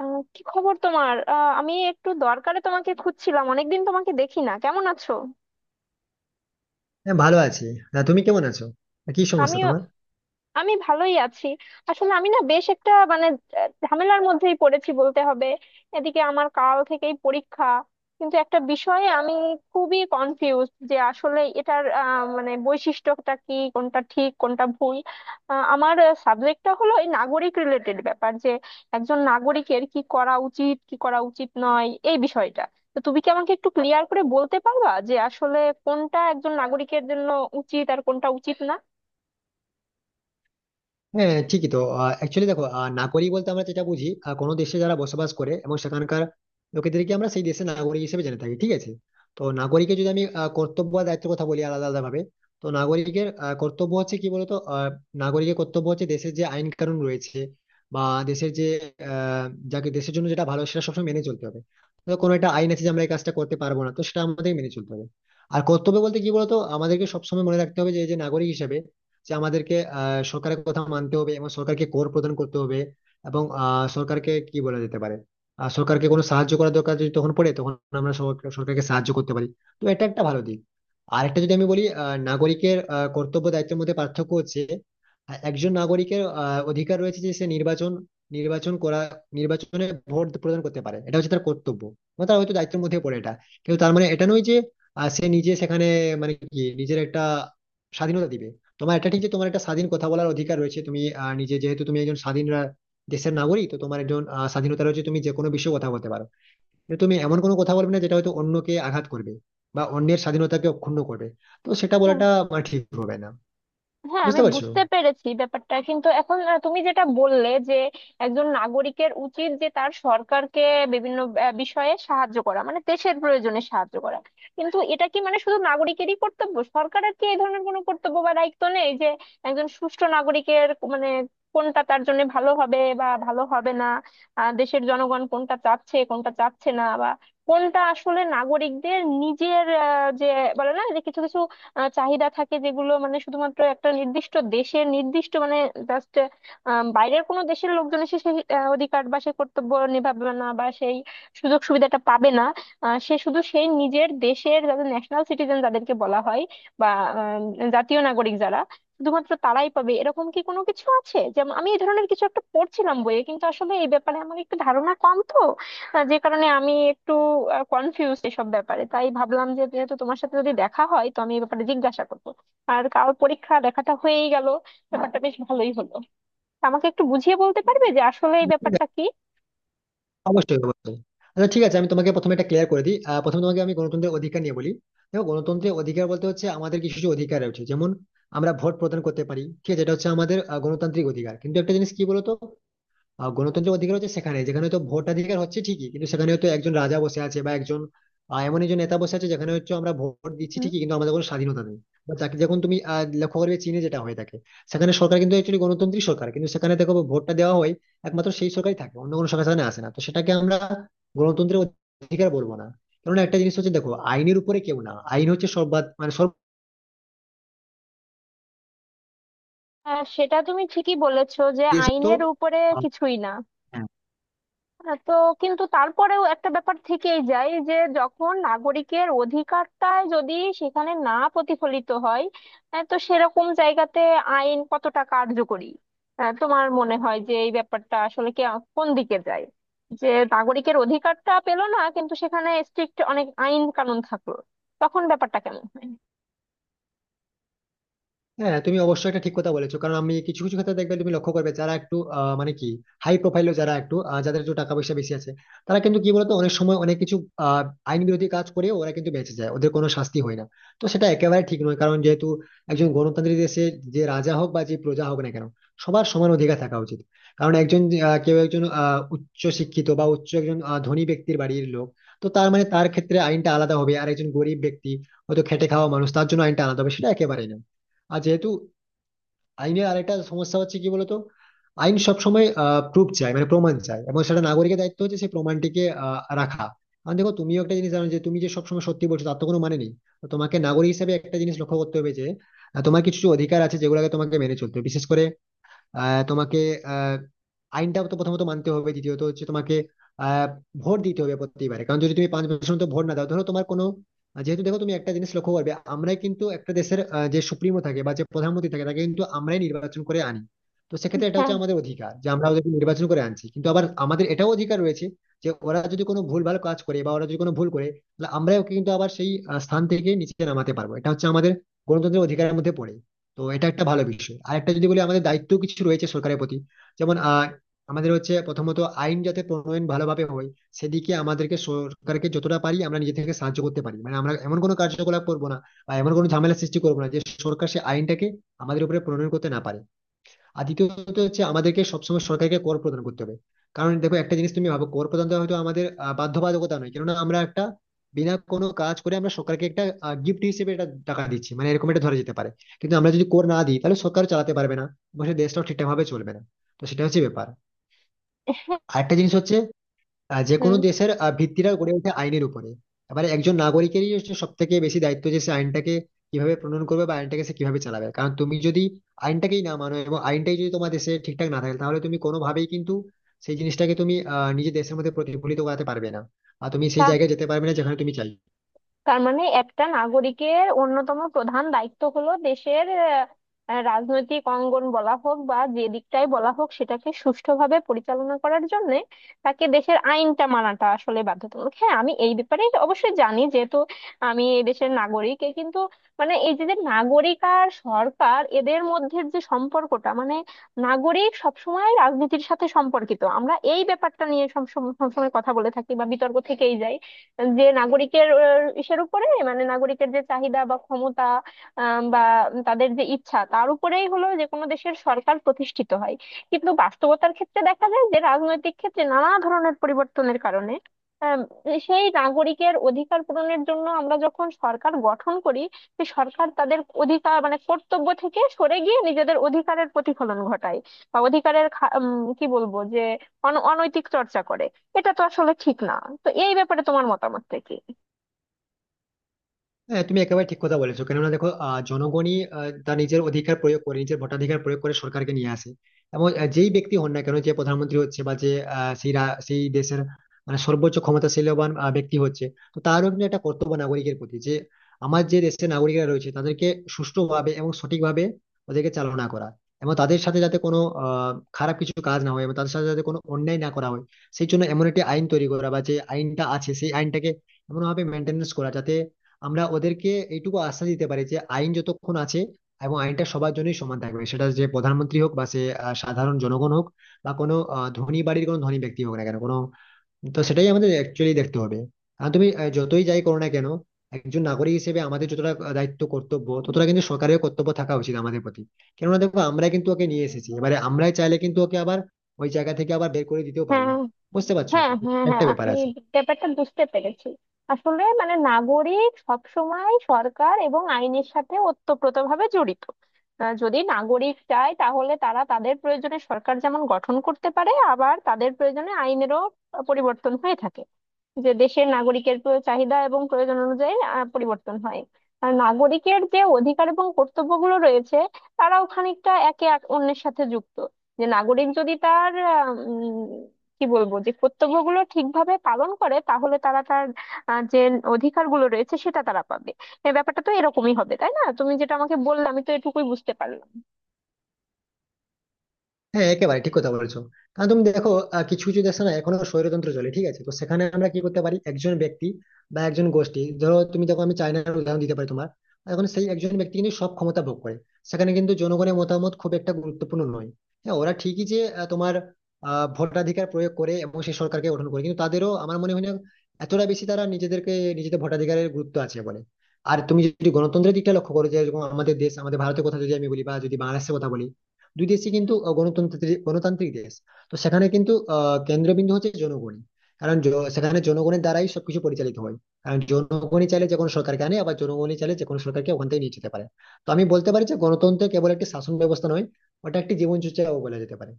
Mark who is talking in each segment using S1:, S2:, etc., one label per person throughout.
S1: কি খবর তোমার? আমি একটু দরকারে তোমাকে খুঁজছিলাম। অনেকদিন তোমাকে দেখি না, কেমন আছো?
S2: হ্যাঁ, ভালো আছি। না, তুমি কেমন আছো? আর কি
S1: আমি
S2: সমস্যা তোমার?
S1: আমি ভালোই আছি। আসলে আমি না বেশ একটা মানে ঝামেলার মধ্যেই পড়েছি বলতে হবে। এদিকে আমার কাল থেকেই পরীক্ষা, কিন্তু একটা বিষয়ে আমি খুবই কনফিউজ যে আসলে এটার মানে বৈশিষ্ট্যটা কি, কোনটা ঠিক, কোনটা ভুল। আমার সাবজেক্টটা হলো এই নাগরিক রিলেটেড ব্যাপার, যে একজন নাগরিকের কি করা উচিত, কি করা উচিত নয়, এই বিষয়টা। তো তুমি কি আমাকে একটু ক্লিয়ার করে বলতে পারবা যে আসলে কোনটা একজন নাগরিকের জন্য উচিত আর কোনটা উচিত না?
S2: হ্যাঁ, ঠিকই তো। অ্যাকচুয়ালি দেখো, নাগরিক বলতে আমরা যেটা বুঝি, কোনো দেশে যারা বসবাস করে এবং সেখানকার লোকেদেরকে আমরা সেই দেশের নাগরিক হিসেবে জেনে থাকি, ঠিক আছে। তো নাগরিকের যদি আমি কর্তব্য আর দায়িত্বের কথা বলি আলাদা আলাদা ভাবে, তো নাগরিকের কর্তব্য হচ্ছে কি বলতো, নাগরিকের কর্তব্য হচ্ছে দেশের যে আইন কানুন রয়েছে বা দেশের যে আহ যাকে দেশের জন্য যেটা ভালো সেটা সবসময় মেনে চলতে হবে। তো কোনো একটা আইন আছে যে আমরা এই কাজটা করতে পারবো না, তো সেটা আমাদের মেনে চলতে হবে। আর কর্তব্য বলতে কি বলতো, আমাদেরকে সবসময় মনে রাখতে হবে যে এই যে নাগরিক হিসেবে যে আমাদেরকে সরকারের কথা মানতে হবে এবং সরকারকে কর প্রদান করতে হবে। এবং সরকারকে কি বলা যেতে পারে, সরকারকে কোনো সাহায্য করার দরকার যদি তখন পড়ে, তখন আমরা সরকারকে সাহায্য করতে পারি। তো এটা একটা ভালো দিক। আর একটা যদি আমি বলি, নাগরিকের কর্তব্য দায়িত্বের মধ্যে পার্থক্য হচ্ছে, একজন নাগরিকের অধিকার রয়েছে যে সে নির্বাচন নির্বাচন করা, নির্বাচনে ভোট প্রদান করতে পারে। এটা হচ্ছে তার কর্তব্য, মানে তার হয়তো দায়িত্বের মধ্যে পড়ে এটা। কিন্তু তার মানে এটা নয় যে সে নিজে সেখানে মানে কি নিজের একটা স্বাধীনতা দিবে। তোমার এটা ঠিক যে তোমার একটা স্বাধীন কথা বলার অধিকার রয়েছে, তুমি নিজে যেহেতু তুমি একজন স্বাধীন দেশের নাগরিক, তো তোমার একজন স্বাধীনতা রয়েছে, তুমি যে কোনো বিষয়ে কথা বলতে পারো। কিন্তু তুমি এমন কোনো কথা বলবে না যেটা হয়তো অন্যকে আঘাত করবে বা অন্যের স্বাধীনতাকে অক্ষুণ্ণ করবে। তো সেটা বলাটা আমার ঠিক হবে না।
S1: হ্যাঁ, আমি
S2: বুঝতে পারছো?
S1: বুঝতে পেরেছি ব্যাপারটা, কিন্তু এখন তুমি যেটা বললে যে একজন নাগরিকের উচিত যে তার সরকারকে বিভিন্ন বিষয়ে সাহায্য করা, মানে দেশের প্রয়োজনে সাহায্য করা। কিন্তু এটা কি মানে শুধু নাগরিকেরই কর্তব্য? সরকারের কি এই ধরনের কোনো কর্তব্য বা দায়িত্ব নেই যে একজন সুষ্ঠু নাগরিকের মানে কোনটা তার জন্য ভালো হবে বা ভালো হবে না, দেশের জনগণ কোনটা চাচ্ছে, কোনটা চাচ্ছে না, বা কোনটা আসলে নাগরিকদের নিজের যে বলে না যে কিছু কিছু চাহিদা থাকে, যেগুলো মানে শুধুমাত্র একটা নির্দিষ্ট দেশের নির্দিষ্ট মানে জাস্ট বাইরের কোনো দেশের লোকজন এসে সেই অধিকার বা সেই কর্তব্য নিভাবে না বা সেই সুযোগ সুবিধাটা পাবে না। সে শুধু সেই নিজের দেশের, যাদের ন্যাশনাল সিটিজেন যাদেরকে বলা হয়, বা জাতীয় নাগরিক, যারা শুধুমাত্র তারাই পাবে, এরকম কি কোনো কিছু আছে? যেমন আমি এই ধরনের কিছু একটা পড়ছিলাম বইয়ে, কিন্তু আসলে এই ব্যাপারে আমার একটু ধারণা কম তো। হ্যাঁ, যে কারণে আমি একটু কনফিউজ এসব ব্যাপারে, তাই ভাবলাম যে যেহেতু তোমার সাথে যদি দেখা হয় তো আমি এই ব্যাপারে জিজ্ঞাসা করবো। আর কাল পরীক্ষা, দেখাটা হয়েই গেল, ব্যাপারটা বেশ ভালোই হলো। আমাকে একটু বুঝিয়ে বলতে পারবে যে আসলে এই ব্যাপারটা কি?
S2: অবশ্যই অবশ্যই। আচ্ছা, ঠিক আছে, আমি তোমাকে প্রথমে এটা ক্লিয়ার করে দিই। প্রথমে তোমাকে আমি গণতন্ত্রের অধিকার নিয়ে বলি। দেখো, গণতন্ত্রের অধিকার বলতে হচ্ছে আমাদের কিছু কিছু অধিকার রয়েছে, যেমন আমরা ভোট প্রদান করতে পারি, ঠিক আছে। এটা হচ্ছে আমাদের গণতান্ত্রিক অধিকার। কিন্তু একটা জিনিস কি বলতো, গণতন্ত্রের অধিকার হচ্ছে সেখানে যেখানে তো ভোটাধিকার হচ্ছে ঠিকই, কিন্তু সেখানে হয়তো একজন রাজা বসে আছে বা একজন এমন একজন নেতা বসে আছে, যেখানে হচ্ছে আমরা ভোট দিচ্ছি
S1: হুম।
S2: ঠিকই, কিন্তু আমাদের কোনো স্বাধীনতা নেই। বা তাকে যখন তুমি লক্ষ্য করবে চীনে যেটা হয়ে থাকে, সেখানে সরকার কিন্তু একচুয়ালি গণতান্ত্রিক সরকার, কিন্তু সেখানে দেখো ভোটটা দেওয়া হয় একমাত্র সেই সরকারই থাকে, অন্য কোনো সরকার সেখানে আসে না। তো সেটাকে আমরা গণতন্ত্রের অধিকার বলবো না। কারণ একটা জিনিস হচ্ছে, দেখো, আইনের উপরে কেউ না, আইন হচ্ছে সর্বা মানে সর্ব
S1: সেটা তুমি ঠিকই বলেছো যে
S2: দেশে তো
S1: আইনের উপরে কিছুই না।
S2: আহ,
S1: হ্যাঁ, তো কিন্তু তারপরেও একটা ব্যাপার থেকেই যায় যে যখন নাগরিকের অধিকারটাই যদি সেখানে না প্রতিফলিত হয়, তো সেরকম জায়গাতে আইন কতটা কার্যকরী? তোমার মনে হয় যে এই ব্যাপারটা আসলে কে কোন দিকে যায়, যে নাগরিকের অধিকারটা পেলো না কিন্তু সেখানে স্ট্রিক্ট অনেক আইন কানুন থাকলো, তখন ব্যাপারটা কেমন হয়?
S2: হ্যাঁ, তুমি অবশ্যই একটা ঠিক কথা বলেছো। কারণ আমি কিছু কিছু ক্ষেত্রে দেখবে তুমি লক্ষ্য করবে যারা একটু মানে কি হাই প্রোফাইলও, যারা একটু যাদের একটু টাকা পয়সা বেশি আছে, তারা কিন্তু কি বলতো অনেক সময় অনেক কিছু আহ, আইন বিরোধী কাজ করে। ওরা কিন্তু বেঁচে যায়, ওদের কোনো শাস্তি হয় না। তো সেটা একেবারে ঠিক নয়, কারণ যেহেতু একজন গণতান্ত্রিক দেশে যে রাজা হোক বা যে প্রজা হোক না কেন, সবার সমান অধিকার থাকা উচিত। কারণ একজন কেউ একজন উচ্চ শিক্ষিত বা উচ্চ একজন ধনী ব্যক্তির বাড়ির লোক, তো তার মানে তার ক্ষেত্রে আইনটা আলাদা হবে আর একজন গরিব ব্যক্তি হয়তো খেটে খাওয়া মানুষ তার জন্য আইনটা আলাদা হবে, সেটা একেবারেই না। আর যেহেতু আইনের আরেকটা সমস্যা হচ্ছে কি বলতো, আইন সবসময় প্রুফ চায়, মানে প্রমাণ চায়, এবং সেটা নাগরিকের দায়িত্ব হচ্ছে সেই প্রমাণটিকে রাখা। কারণ দেখো, তুমিও একটা জিনিস জানো যে তুমি যে সবসময় সত্যি বলছো তার তো কোনো মানে নেই। তো তোমাকে নাগরিক হিসেবে একটা জিনিস লক্ষ্য করতে হবে যে তোমার কিছু কিছু অধিকার আছে যেগুলোকে তোমাকে মেনে চলতে হবে, বিশেষ করে তোমাকে আহ, আইনটা তো প্রথমত মানতে হবে, দ্বিতীয়ত হচ্ছে তোমাকে আহ, ভোট দিতে হবে প্রতিবারে। কারণ যদি তুমি 5 বছর তো ভোট না দাও, ধরো তোমার কোনো যেহেতু দেখো তুমি একটা জিনিস লক্ষ্য করবে, আমরাই কিন্তু একটা দেশের যে সুপ্রিমো থাকে বা যে প্রধানমন্ত্রী থাকে তাকে কিন্তু আমরাই নির্বাচন করে আনি। তো সেক্ষেত্রে এটা
S1: হ্যাঁ।
S2: হচ্ছে আমাদের অধিকার যে আমরা ওদেরকে নির্বাচন করে আনছি, কিন্তু আবার আমাদের এটাও অধিকার রয়েছে যে ওরা যদি কোনো ভুলভাল কাজ করে বা ওরা যদি কোনো ভুল করে, তাহলে আমরাই ওকে কিন্তু আবার সেই স্থান থেকে নিচে নামাতে পারবো। এটা হচ্ছে আমাদের গণতন্ত্রের অধিকারের মধ্যে পড়ে। তো এটা একটা ভালো বিষয়। আর একটা যদি বলি, আমাদের দায়িত্ব কিছু রয়েছে সরকারের প্রতি, যেমন আমাদের হচ্ছে প্রথমত আইন যাতে প্রণয়ন ভালোভাবে হয়, সেদিকে আমাদেরকে সরকারকে যতটা পারি আমরা নিজে থেকে সাহায্য করতে পারি। মানে আমরা এমন কোনো কার্যকলাপ করবো না বা এমন কোনো ঝামেলা সৃষ্টি করবো না যে সরকার সে আইনটাকে আমাদের উপরে প্রণয়ন করতে না পারে। আর দ্বিতীয়ত হচ্ছে আমাদেরকে সবসময় সরকারকে কর প্রদান করতে হবে। কারণ দেখো একটা জিনিস তুমি ভাবো, কর প্রদান তো হয়তো আমাদের বাধ্যবাধকতা নয়, কেননা আমরা একটা বিনা কোনো কাজ করে আমরা সরকারকে একটা গিফট হিসেবে এটা টাকা দিচ্ছি, মানে এরকম এটা ধরা যেতে পারে। কিন্তু আমরা যদি কর না দিই তাহলে সরকার চালাতে পারবে না এবং সে দেশটাও ঠিকঠাক ভাবে চলবে না। তো সেটা হচ্ছে ব্যাপার। আরেকটা জিনিস হচ্ছে যে কোনো
S1: হুম।
S2: দেশের ভিত্তিটা গড়ে ওঠে আইনের উপরে। এবারে একজন নাগরিকেরই হচ্ছে সব থেকে বেশি দায়িত্ব যে সে আইনটাকে কিভাবে প্রণয়ন করবে বা আইনটাকে সে কিভাবে চালাবে। কারণ তুমি যদি আইনটাকেই না মানো এবং আইনটাই যদি তোমার দেশে ঠিকঠাক না থাকে, তাহলে তুমি কোনোভাবেই কিন্তু সেই জিনিসটাকে তুমি নিজের দেশের মধ্যে প্রতিফলিত করাতে পারবে না। আর তুমি সেই
S1: তা,
S2: জায়গায় যেতে পারবে না যেখানে তুমি চাই।
S1: তার মানে একটা নাগরিকের অন্যতম প্রধান দায়িত্ব হলো দেশের রাজনৈতিক অঙ্গন বলা হোক বা যে দিকটাই বলা হোক, সেটাকে সুষ্ঠুভাবে পরিচালনা করার জন্য তাকে দেশের আইনটা মানাটা আসলে বাধ্যতামূলক। হ্যাঁ, আমি এই ব্যাপারে অবশ্যই জানি যেহেতু আমি এই দেশের নাগরিক। এ কিন্তু মানে এই যে যে নাগরিক আর সরকার, এদের মধ্যে যে সম্পর্কটা মানে নাগরিক সবসময় রাজনীতির সাথে সম্পর্কিত, আমরা এই ব্যাপারটা নিয়ে সব সব- সবসময় কথা বলে থাকি বা বিতর্ক থেকেই যায়, যে নাগরিকের ইসের উপরে মানে নাগরিকের যে চাহিদা বা ক্ষমতা, বা তাদের যে ইচ্ছা, তার উপরেই হলো যে কোনো দেশের সরকার প্রতিষ্ঠিত হয়। কিন্তু বাস্তবতার ক্ষেত্রে দেখা যায় যে রাজনৈতিক ক্ষেত্রে নানা ধরনের পরিবর্তনের কারণে আম, সেই নাগরিকের অধিকার পূরণের জন্য আমরা যখন সরকার গঠন করি, সে সরকার তাদের অধিকার মানে কর্তব্য থেকে সরে গিয়ে নিজেদের অধিকারের প্রতিফলন ঘটায় বা অধিকারের কি বলবো, যে অনৈতিক চর্চা করে। এটা তো আসলে ঠিক না। তো এই ব্যাপারে তোমার মতামতটা কি?
S2: হ্যাঁ, তুমি একেবারে ঠিক কথা বলেছো। কেননা দেখো, জনগণই তার নিজের অধিকার প্রয়োগ করে, নিজের ভোটাধিকার প্রয়োগ করে সরকারকে নিয়ে আসে। এবং যেই ব্যক্তি হন না কেন, যে প্রধানমন্ত্রী হচ্ছে বা যে সেই সেই দেশের মানে সর্বোচ্চ ক্ষমতাশীলবান ব্যক্তি হচ্ছে, তো তারও কিন্তু একটা কর্তব্য নাগরিকের প্রতি যে আমার যে দেশের নাগরিকরা রয়েছে তাদেরকে সুষ্ঠুভাবে এবং সঠিকভাবে ওদেরকে চালনা করা, এবং তাদের সাথে যাতে কোনো খারাপ কিছু কাজ না হয় এবং তাদের সাথে যাতে কোনো অন্যায় না করা হয়। সেই জন্য এমন একটি আইন তৈরি করা বা যে আইনটা আছে সেই আইনটাকে এমনভাবে মেনটেনেন্স করা যাতে আমরা ওদেরকে এইটুকু আশ্বাস দিতে পারি যে আইন যতক্ষণ আছে এবং আইনটা সবার জন্যই সমান থাকবে, সেটা যে প্রধানমন্ত্রী হোক বা সে সাধারণ জনগণ হোক বা কোনো ধনী বাড়ির কোনো ধনী ব্যক্তি হোক না কেন কোনো। তো সেটাই আমাদের অ্যাকচুয়ালি দেখতে হবে। কারণ তুমি যতই যাই করো না কেন, একজন নাগরিক হিসেবে আমাদের যতটা দায়িত্ব কর্তব্য ততটা কিন্তু সরকারের কর্তব্য থাকা উচিত আমাদের প্রতি। কেননা দেখো, আমরা কিন্তু ওকে নিয়ে এসেছি, এবারে আমরাই চাইলে কিন্তু ওকে আবার ওই জায়গা থেকে আবার বের করে দিতেও পারি।
S1: হ্যাঁ,
S2: বুঝতে পারছো?
S1: হ্যাঁ, হ্যাঁ, হ্যাঁ,
S2: একটা ব্যাপার
S1: আমি
S2: আছে।
S1: ব্যাপারটা বুঝতে পেরেছি। আসলে মানে নাগরিক সবসময় সরকার এবং আইনের সাথে ওতপ্রোতভাবে জড়িত। যদি নাগরিক চায় তাহলে তারা তাদের প্রয়োজনে সরকার যেমন গঠন করতে পারে, আবার তাদের প্রয়োজনে আইনেরও পরিবর্তন হয়ে থাকে, যে দেশের নাগরিকের চাহিদা এবং প্রয়োজন অনুযায়ী পরিবর্তন হয়। আর নাগরিকের যে অধিকার এবং কর্তব্যগুলো রয়েছে, তারাও খানিকটা একে অন্যের সাথে যুক্ত। যে নাগরিক যদি তার কি বলবো, যে কর্তব্যগুলো ঠিকভাবে পালন করে তাহলে তারা তার যে অধিকারগুলো রয়েছে সেটা তারা পাবে। এই ব্যাপারটা তো এরকমই হবে, তাই না? তুমি যেটা আমাকে বললে আমি তো এটুকুই বুঝতে পারলাম।
S2: হ্যাঁ, একেবারে ঠিক কথা বলেছো। কারণ তুমি দেখো, কিছু কিছু দেশে না এখনো স্বৈরতন্ত্র চলে, ঠিক আছে। তো সেখানে আমরা কি করতে পারি, একজন ব্যক্তি বা একজন গোষ্ঠী, ধরো তুমি দেখো আমি চায়নার উদাহরণ দিতে পারি তোমার। এখন সেই একজন ব্যক্তি কিন্তু সব ক্ষমতা ভোগ করে, সেখানে কিন্তু জনগণের মতামত খুব একটা গুরুত্বপূর্ণ নয়। হ্যাঁ, ওরা ঠিকই যে তোমার ভোটাধিকার প্রয়োগ করে এবং সেই সরকারকে গঠন করে, কিন্তু তাদেরও আমার মনে হয় না এতটা বেশি তারা নিজেদেরকে নিজেদের ভোটাধিকারের গুরুত্ব আছে বলে। আর তুমি যদি গণতন্ত্রের দিকটা লক্ষ্য করো, যে যেরকম আমাদের দেশ, আমাদের ভারতের কথা যদি আমি বলি বা যদি বাংলাদেশের কথা বলি, দুই দেশই কিন্তু গণতন্ত্রের গণতান্ত্রিক দেশ। তো সেখানে কিন্তু কেন্দ্রবিন্দু হচ্ছে জনগণই। কারণ সেখানে জনগণের দ্বারাই সবকিছু পরিচালিত হয়। কারণ জনগণই চাইলে যে কোনো সরকারকে আনে, আবার জনগণই চাইলে যে কোনো সরকারকে ওখান থেকে নিয়ে যেতে পারে। তো আমি বলতে পারি যে গণতন্ত্র কেবল একটি শাসন ব্যবস্থা নয়, ওটা একটি জীবন চর্চাও বলা যেতে পারে।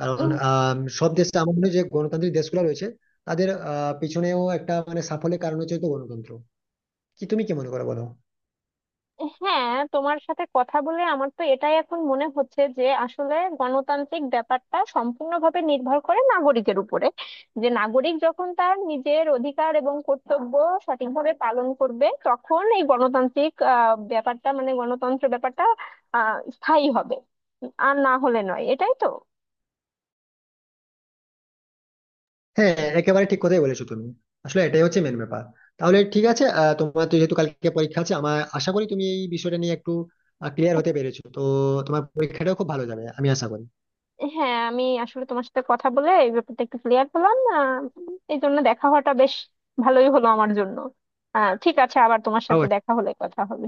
S2: কারণ সব দেশে আমার মনে হয় যে গণতান্ত্রিক দেশগুলো রয়েছে, তাদের পিছনেও একটা মানে সাফল্যের কারণ হচ্ছে হয়তো গণতন্ত্র। কি, তুমি কি মনে করো বলো?
S1: হ্যাঁ, তোমার সাথে কথা বলে আমার তো এটাই এখন মনে হচ্ছে যে আসলে গণতান্ত্রিক ব্যাপারটা সম্পূর্ণভাবে নির্ভর করে নাগরিকের উপরে। যে নাগরিক যখন তার নিজের অধিকার এবং কর্তব্য সঠিকভাবে পালন করবে, তখন এই গণতান্ত্রিক ব্যাপারটা মানে গণতন্ত্র ব্যাপারটা স্থায়ী হবে, আর না হলে নয়। এটাই তো।
S2: হ্যাঁ, একেবারে ঠিক কথাই বলেছো তুমি। আসলে এটাই হচ্ছে মেন ব্যাপার। তাহলে ঠিক আছে, তোমার তো যেহেতু কালকে পরীক্ষা আছে, আমার আশা করি তুমি এই বিষয়টা নিয়ে একটু ক্লিয়ার হতে পেরেছো তো। তোমার পরীক্ষাটাও খুব ভালো যাবে আমি আশা করি।
S1: হ্যাঁ, আমি আসলে তোমার সাথে কথা বলে এই ব্যাপারটা একটু ক্লিয়ার হলাম। এই জন্য দেখা হওয়াটা বেশ ভালোই হলো আমার জন্য। ঠিক আছে, আবার তোমার সাথে দেখা
S2: অবশ্যই।
S1: হলে কথা হবে।